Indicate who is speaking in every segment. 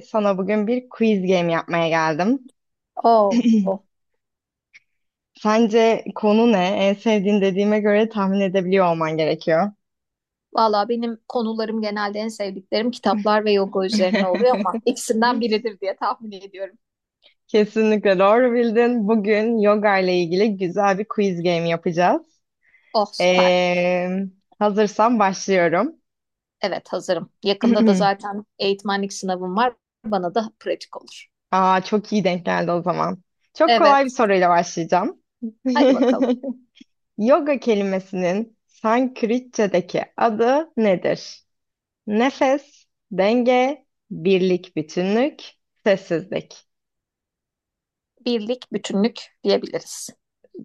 Speaker 1: Sana bugün bir quiz game yapmaya geldim.
Speaker 2: Oo.
Speaker 1: Sence konu ne? En sevdiğin dediğime göre tahmin edebiliyor olman gerekiyor.
Speaker 2: Valla benim konularım genelde en sevdiklerim kitaplar ve yoga üzerine oluyor ama ikisinden biridir diye tahmin ediyorum.
Speaker 1: Kesinlikle doğru bildin. Bugün yoga ile ilgili güzel bir quiz game yapacağız.
Speaker 2: Oh süper.
Speaker 1: Ee, Hazırsan başlıyorum.
Speaker 2: Evet hazırım. Yakında da zaten eğitmenlik sınavım var. Bana da pratik olur.
Speaker 1: Aa, çok iyi denk geldi o zaman. Çok kolay bir
Speaker 2: Evet.
Speaker 1: soruyla başlayacağım.
Speaker 2: Hadi bakalım.
Speaker 1: Yoga kelimesinin Sanskritçedeki adı nedir? Nefes, denge, birlik, bütünlük, sessizlik.
Speaker 2: Birlik, bütünlük diyebiliriz.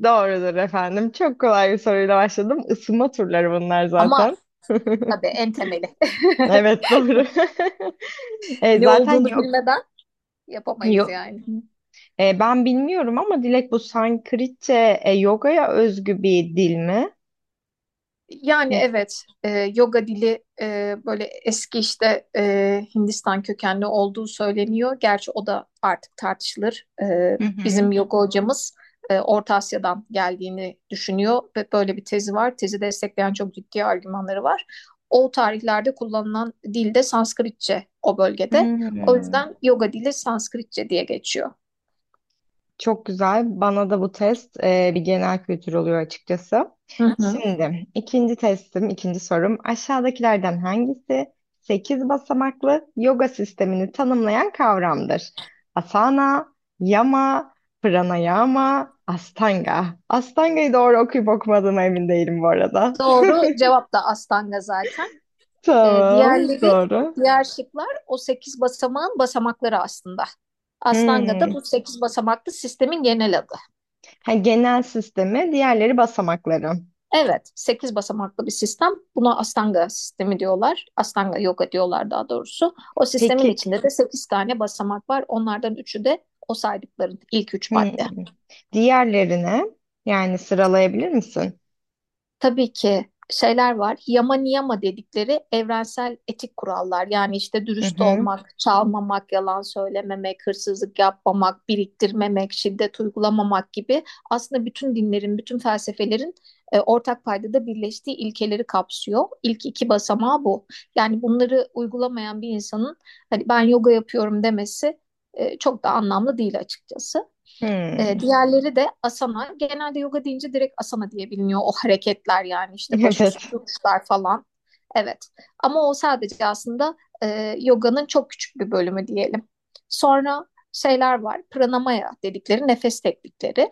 Speaker 1: Doğrudur efendim. Çok kolay bir soruyla başladım. Isınma turları bunlar
Speaker 2: Ama
Speaker 1: zaten.
Speaker 2: tabii en temeli.
Speaker 1: Evet, doğru.
Speaker 2: Ne
Speaker 1: Zaten
Speaker 2: olduğunu
Speaker 1: yok
Speaker 2: bilmeden yapamayız
Speaker 1: yok.
Speaker 2: yani.
Speaker 1: Ben bilmiyorum ama Dilek, bu Sanskritçe yogaya özgü bir dil mi?
Speaker 2: Yani
Speaker 1: Ne?
Speaker 2: evet, yoga dili böyle eski işte Hindistan kökenli olduğu söyleniyor. Gerçi o da artık tartışılır.
Speaker 1: Hı hı.
Speaker 2: Bizim yoga hocamız Orta Asya'dan geldiğini düşünüyor ve böyle bir tezi var. Tezi destekleyen çok ciddi argümanları var. O tarihlerde kullanılan dil de Sanskritçe o bölgede. O
Speaker 1: Hmm.
Speaker 2: yüzden yoga dili Sanskritçe diye geçiyor.
Speaker 1: Çok güzel. Bana da bu test bir genel kültür oluyor açıkçası.
Speaker 2: Hı hı.
Speaker 1: Şimdi ikinci testim, ikinci sorum. Aşağıdakilerden hangisi 8 basamaklı yoga sistemini tanımlayan kavramdır? Asana, yama, pranayama, astanga. Astanga'yı doğru okuyup okumadığıma emin değilim bu arada.
Speaker 2: Doğru cevap da Astanga zaten. Ee,
Speaker 1: Tamam,
Speaker 2: diğerleri,
Speaker 1: doğru.
Speaker 2: Diğer şıklar o 8 basamağın basamakları aslında. Astanga da
Speaker 1: Hmm.
Speaker 2: bu 8 basamaklı sistemin genel adı.
Speaker 1: Ha, genel sistemi, diğerleri basamakları.
Speaker 2: Evet, 8 basamaklı bir sistem. Buna Astanga sistemi diyorlar. Astanga yoga diyorlar daha doğrusu. O sistemin
Speaker 1: Peki.
Speaker 2: içinde de 8 tane basamak var. Onlardan üçü de o saydıkların ilk üç
Speaker 1: Hmm.
Speaker 2: madde.
Speaker 1: Diğerlerine yani sıralayabilir misin?
Speaker 2: Tabii ki şeyler var. Yama niyama dedikleri evrensel etik kurallar. Yani işte
Speaker 1: Hı
Speaker 2: dürüst
Speaker 1: hı.
Speaker 2: olmak, çalmamak, yalan söylememek, hırsızlık yapmamak, biriktirmemek, şiddet uygulamamak gibi aslında bütün dinlerin, bütün felsefelerin ortak paydada birleştiği ilkeleri kapsıyor. İlk iki basamağı bu. Yani bunları uygulamayan bir insanın hani ben yoga yapıyorum demesi çok da anlamlı değil açıkçası.
Speaker 1: Hmm.
Speaker 2: Diğerleri de asana. Genelde yoga deyince direkt asana diye biliniyor o hareketler yani işte başüstü
Speaker 1: Evet.
Speaker 2: duruşlar falan. Evet ama o sadece aslında yoganın çok küçük bir bölümü diyelim. Sonra şeyler var pranamaya dedikleri nefes teknikleri.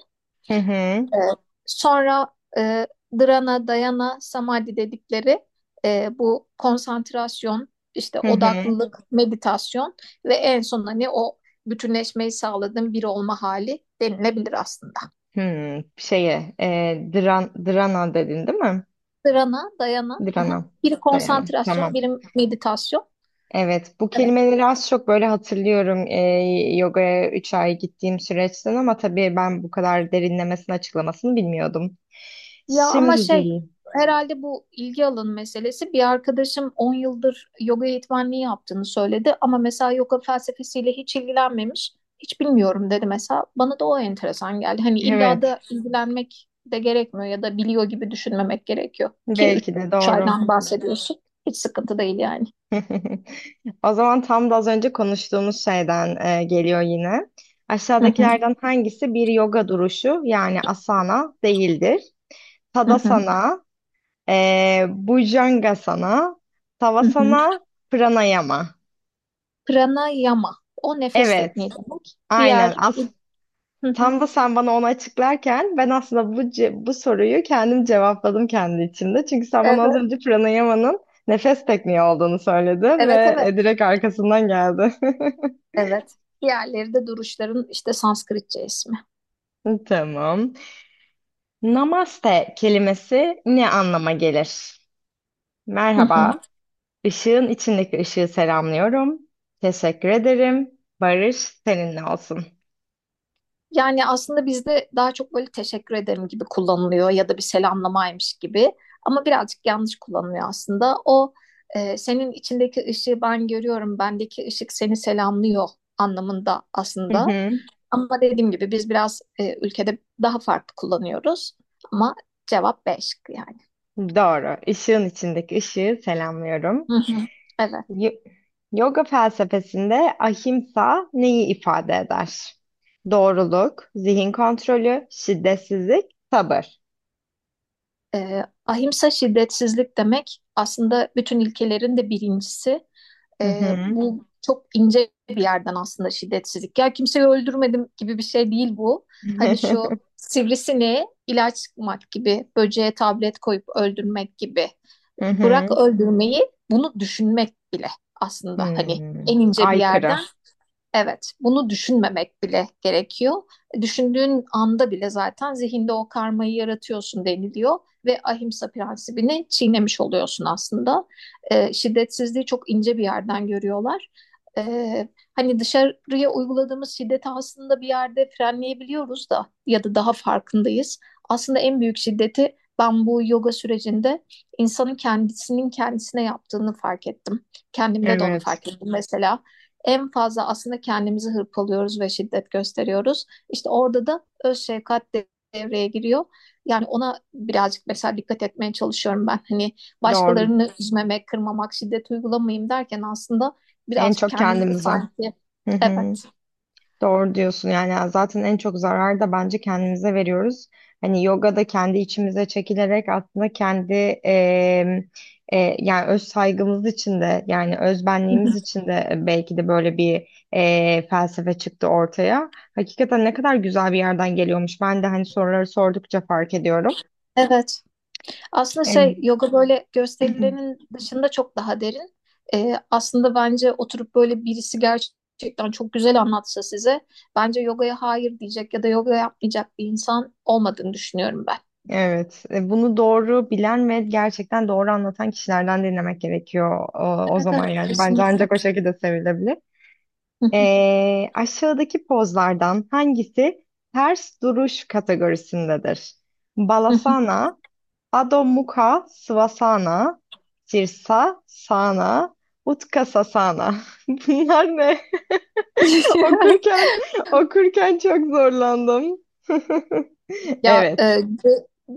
Speaker 1: Hı hı.
Speaker 2: Evet. Sonra e, dhrana, dayana, samadhi dedikleri bu konsantrasyon, işte
Speaker 1: Hı hı.
Speaker 2: odaklılık, meditasyon ve en son hani o bütünleşmeyi sağladığın bir olma hali denilebilir aslında.
Speaker 1: Hmm. Şeye, drana dedin değil mi?
Speaker 2: Sırana, dayana. Aha.
Speaker 1: Drana.
Speaker 2: Biri
Speaker 1: Dayana.
Speaker 2: konsantrasyon,
Speaker 1: Tamam.
Speaker 2: biri meditasyon.
Speaker 1: Evet, bu
Speaker 2: Evet.
Speaker 1: kelimeleri az çok böyle hatırlıyorum, yogaya 3 ay gittiğim süreçten, ama tabii ben bu kadar derinlemesine açıklamasını bilmiyordum.
Speaker 2: Ya ama
Speaker 1: Şimdi,
Speaker 2: şey herhalde bu ilgi alanı meselesi bir arkadaşım 10 yıldır yoga eğitmenliği yaptığını söyledi ama mesela yoga felsefesiyle hiç ilgilenmemiş. Hiç bilmiyorum dedi mesela. Bana da o enteresan geldi. Hani illa
Speaker 1: evet,
Speaker 2: da ilgilenmek de gerekmiyor ya da biliyor gibi düşünmemek gerekiyor. Ki üç
Speaker 1: belki de
Speaker 2: üç
Speaker 1: doğru.
Speaker 2: aydan bahsediyorsun. Hiç sıkıntı değil yani.
Speaker 1: O zaman tam da az önce konuştuğumuz şeyden geliyor yine.
Speaker 2: Hı hı,
Speaker 1: Aşağıdakilerden hangisi bir yoga duruşu yani asana değildir?
Speaker 2: hı hı,
Speaker 1: Tadasana, Bhujangasana,
Speaker 2: hı hı.
Speaker 1: Savasana, Pranayama.
Speaker 2: Pranayama. O nefes
Speaker 1: Evet,
Speaker 2: tekniği demek.
Speaker 1: aynen.
Speaker 2: Diğer. Hı hı.
Speaker 1: Tam da sen bana onu açıklarken ben aslında bu soruyu kendim cevapladım kendi içimde. Çünkü sen bana az
Speaker 2: Evet,
Speaker 1: önce Pranayama'nın nefes tekniği olduğunu söyledin
Speaker 2: evet,
Speaker 1: ve
Speaker 2: evet,
Speaker 1: direkt arkasından geldi.
Speaker 2: evet. Diğerleri de duruşların işte Sanskritçe ismi.
Speaker 1: Tamam. Namaste kelimesi ne anlama gelir?
Speaker 2: Hı hı.
Speaker 1: Merhaba, ışığın içindeki ışığı selamlıyorum. Teşekkür ederim. Barış seninle olsun.
Speaker 2: Yani aslında bizde daha çok böyle teşekkür ederim gibi kullanılıyor ya da bir selamlamaymış gibi. Ama birazcık yanlış kullanılıyor aslında. O, senin içindeki ışığı ben görüyorum, bendeki ışık seni selamlıyor anlamında
Speaker 1: Hı
Speaker 2: aslında.
Speaker 1: hı.
Speaker 2: Ama dediğim gibi biz biraz ülkede daha farklı kullanıyoruz. Ama cevap B şıkkı yani.
Speaker 1: Doğru, Işığın içindeki ışığı selamlıyorum.
Speaker 2: Hı hı. Evet.
Speaker 1: Y- Yoga felsefesinde ahimsa neyi ifade eder? Doğruluk, zihin kontrolü, şiddetsizlik, sabır.
Speaker 2: Ahimsa şiddetsizlik demek aslında bütün ilkelerin de birincisi.
Speaker 1: Hı hı.
Speaker 2: Bu çok ince bir yerden aslında şiddetsizlik. Ya kimseyi öldürmedim gibi bir şey değil bu. Hani şu sivrisineğe ilaç sıkmak gibi, böceğe tablet koyup öldürmek gibi.
Speaker 1: Hı
Speaker 2: Bırak
Speaker 1: hı.
Speaker 2: öldürmeyi, bunu düşünmek bile aslında hani
Speaker 1: Hmm.
Speaker 2: en ince bir yerden.
Speaker 1: Aykırı.
Speaker 2: Evet, bunu düşünmemek bile gerekiyor. Düşündüğün anda bile zaten zihinde o karmayı yaratıyorsun deniliyor ve ahimsa prensibini çiğnemiş oluyorsun aslında. Şiddetsizliği çok ince bir yerden görüyorlar. Ee, Hani dışarıya uyguladığımız şiddeti aslında bir yerde frenleyebiliyoruz da ya da daha farkındayız. Aslında en büyük şiddeti ben bu yoga sürecinde insanın kendisinin kendisine yaptığını fark ettim. Kendimde de onu
Speaker 1: Evet.
Speaker 2: fark ettim mesela en fazla aslında kendimizi hırpalıyoruz ve şiddet gösteriyoruz. İşte orada da öz şefkat devreye giriyor. Yani ona birazcık mesela dikkat etmeye çalışıyorum ben. Hani
Speaker 1: Doğru.
Speaker 2: başkalarını üzmemek, kırmamak, şiddet uygulamayayım derken aslında
Speaker 1: En
Speaker 2: birazcık
Speaker 1: çok
Speaker 2: kendimizi
Speaker 1: kendimize.
Speaker 2: sanki
Speaker 1: Hı hı.
Speaker 2: evet.
Speaker 1: Doğru diyorsun, yani zaten en çok zarar da bence kendimize veriyoruz. Hani yoga da kendi içimize çekilerek aslında kendi yani öz saygımız için de, yani öz benliğimiz için de belki de böyle bir felsefe çıktı ortaya. Hakikaten ne kadar güzel bir yerden geliyormuş. Ben de hani soruları sordukça fark ediyorum.
Speaker 2: Evet. Aslında şey
Speaker 1: Em,
Speaker 2: yoga böyle gösterilerin dışında çok daha derin. Aslında bence oturup böyle birisi gerçekten çok güzel anlatsa size bence yogaya hayır diyecek ya da yoga yapmayacak bir insan olmadığını düşünüyorum ben.
Speaker 1: Evet, bunu doğru bilen ve gerçekten doğru anlatan kişilerden dinlemek gerekiyor o
Speaker 2: Evet,
Speaker 1: zaman
Speaker 2: evet,
Speaker 1: yani. Bence
Speaker 2: kesinlikle.
Speaker 1: ancak o şekilde sevilebilir. Aşağıdaki pozlardan hangisi ters duruş kategorisindedir? Balasana, Adho Mukha Svasana, Sirsasana, Utkatasana. Bunlar ne? Okurken okurken çok zorlandım.
Speaker 2: Ya
Speaker 1: Evet.
Speaker 2: C,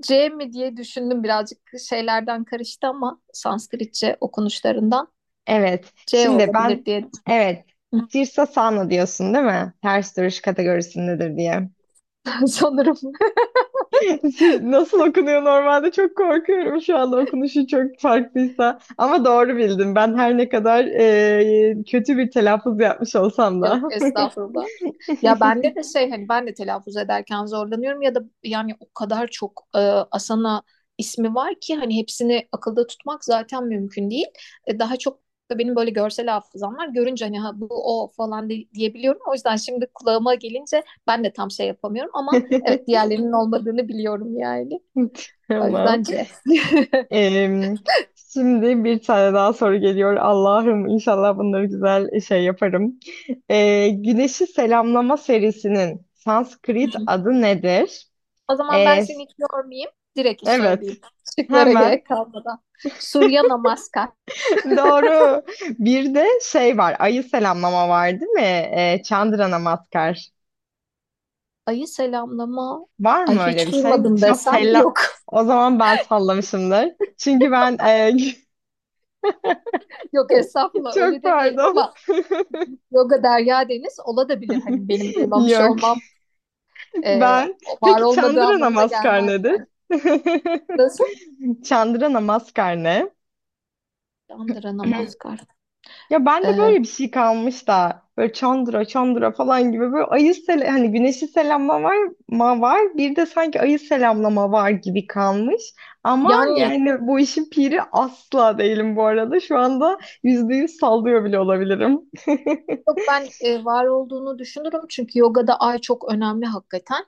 Speaker 2: C mi diye düşündüm birazcık şeylerden karıştı ama Sanskritçe okunuşlarından
Speaker 1: Evet.
Speaker 2: C
Speaker 1: Şimdi
Speaker 2: olabilir
Speaker 1: ben,
Speaker 2: diye
Speaker 1: evet. Sirsa Sano diyorsun değil mi? Ters duruş kategorisindedir diye.
Speaker 2: sanırım.
Speaker 1: Nasıl okunuyor normalde? Çok korkuyorum şu anda, okunuşu çok farklıysa. Ama doğru bildim. Ben her ne kadar kötü bir telaffuz yapmış olsam
Speaker 2: Yok
Speaker 1: da.
Speaker 2: estağfurullah. Ya bende de şey hani ben de telaffuz ederken zorlanıyorum ya da yani o kadar çok Asana ismi var ki hani hepsini akılda tutmak zaten mümkün değil. Daha çok da benim böyle görsel hafızam var. Görünce hani ha, bu o falan diyebiliyorum. O yüzden şimdi kulağıma gelince ben de tam şey yapamıyorum ama evet diğerlerinin olmadığını biliyorum yani. O yüzden
Speaker 1: Tamam.
Speaker 2: C.
Speaker 1: Em, Şimdi bir tane daha soru geliyor. Allah'ım, inşallah bunları güzel şey yaparım. Güneşi Selamlama serisinin
Speaker 2: Hı
Speaker 1: Sanskrit
Speaker 2: hı.
Speaker 1: adı nedir?
Speaker 2: O zaman ben
Speaker 1: E,
Speaker 2: seni hiç yormayayım. Direkt
Speaker 1: evet.
Speaker 2: söyleyeyim. Şıklara
Speaker 1: Hemen.
Speaker 2: gerek kalmadan. Surya Namaskar.
Speaker 1: Doğru. Bir de şey var. Ayı selamlama var değil mi? Chandra Namaskar.
Speaker 2: Ayı selamlama.
Speaker 1: Var
Speaker 2: Ay
Speaker 1: mı öyle bir
Speaker 2: hiç
Speaker 1: şey?
Speaker 2: duymadım
Speaker 1: Şu an
Speaker 2: desem
Speaker 1: selam.
Speaker 2: yok.
Speaker 1: O zaman ben sallamışımdır. Çünkü ben
Speaker 2: Yok estağfurullah öyle
Speaker 1: çok
Speaker 2: demeyelim
Speaker 1: pardon.
Speaker 2: ama yoga derya deniz olabilir. Hani benim duymamış
Speaker 1: Yok.
Speaker 2: olmam e,
Speaker 1: Ben.
Speaker 2: var
Speaker 1: Peki
Speaker 2: olmadığı
Speaker 1: Çandıra
Speaker 2: anlamına
Speaker 1: Namaskar
Speaker 2: gelmez
Speaker 1: nedir?
Speaker 2: yani. Nasıl?
Speaker 1: Çandıra Namaskar ne?
Speaker 2: Chandra Namaskar.
Speaker 1: Ya ben de
Speaker 2: E,
Speaker 1: böyle bir şey kalmış da, böyle Çandıra Çandıra falan gibi, böyle ayı sele hani güneşi selamlama var ma var, bir de sanki ayı selamlama var gibi kalmış. Ama
Speaker 2: yani
Speaker 1: yani bu işin piri asla değilim bu arada. Şu anda %100 sallıyor bile olabilirim.
Speaker 2: Yok, ben var olduğunu düşünürüm çünkü yogada ay çok önemli hakikaten.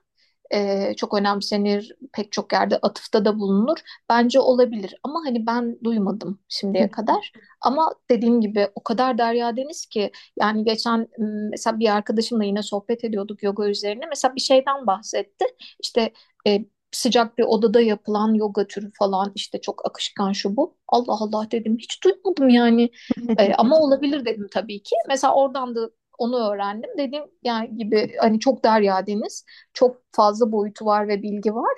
Speaker 2: Çok önemsenir pek çok yerde atıfta da bulunur. Bence olabilir ama hani ben duymadım şimdiye kadar. Ama dediğim gibi o kadar derya deniz ki yani geçen mesela bir arkadaşımla yine sohbet ediyorduk yoga üzerine. Mesela bir şeyden bahsetti. İşte e, sıcak bir odada yapılan yoga türü falan işte çok akışkan şu bu. Allah Allah dedim hiç duymadım yani. Ama olabilir dedim tabii ki. Mesela oradan da onu öğrendim. Dediğim yani gibi hani çok derya deniz, çok fazla boyutu var ve bilgi var.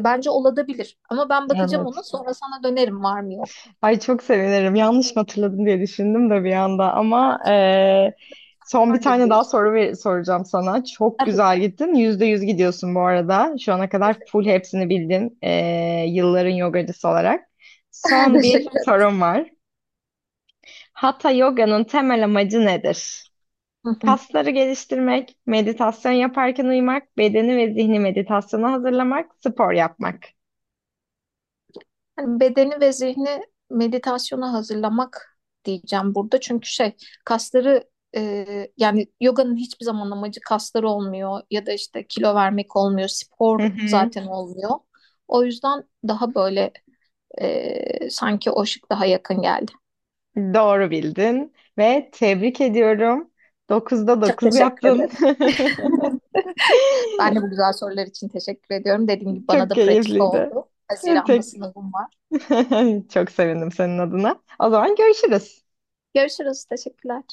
Speaker 2: Bence olabilir. Ama ben bakacağım ona
Speaker 1: Evet.
Speaker 2: sonra sana dönerim var mı yok.
Speaker 1: Ay, çok sevinirim. Yanlış mı hatırladım diye düşündüm de bir anda, ama son bir
Speaker 2: Vardır
Speaker 1: tane daha
Speaker 2: bir.
Speaker 1: soru soracağım sana. Çok
Speaker 2: Tabii ki.
Speaker 1: güzel gittin. %100 gidiyorsun bu arada. Şu ana kadar full hepsini bildin. Yılların yogacısı olarak. Son bir
Speaker 2: Teşekkür ederim.
Speaker 1: sorum var. Hatha Yoga'nın temel amacı nedir?
Speaker 2: Hı hı.
Speaker 1: Kasları geliştirmek, meditasyon yaparken uyumak, bedeni ve zihni meditasyona hazırlamak, spor yapmak.
Speaker 2: Hani bedeni ve zihni meditasyona hazırlamak diyeceğim burada. Çünkü şey kasları yani yoganın hiçbir zaman amacı kasları olmuyor ya da işte kilo vermek olmuyor, spor zaten olmuyor. O yüzden daha böyle sanki o şık daha yakın geldi.
Speaker 1: Doğru bildin ve tebrik ediyorum. Dokuzda
Speaker 2: Çok
Speaker 1: 9
Speaker 2: teşekkür
Speaker 1: yaptın.
Speaker 2: ederim. Ben de bu güzel sorular için teşekkür ediyorum. Dediğim gibi bana
Speaker 1: Çok
Speaker 2: da pratik
Speaker 1: keyifliydi.
Speaker 2: oldu. Haziran'da
Speaker 1: Tek-
Speaker 2: sınavım var.
Speaker 1: Çok sevindim senin adına. O zaman görüşürüz.
Speaker 2: Görüşürüz. Teşekkürler.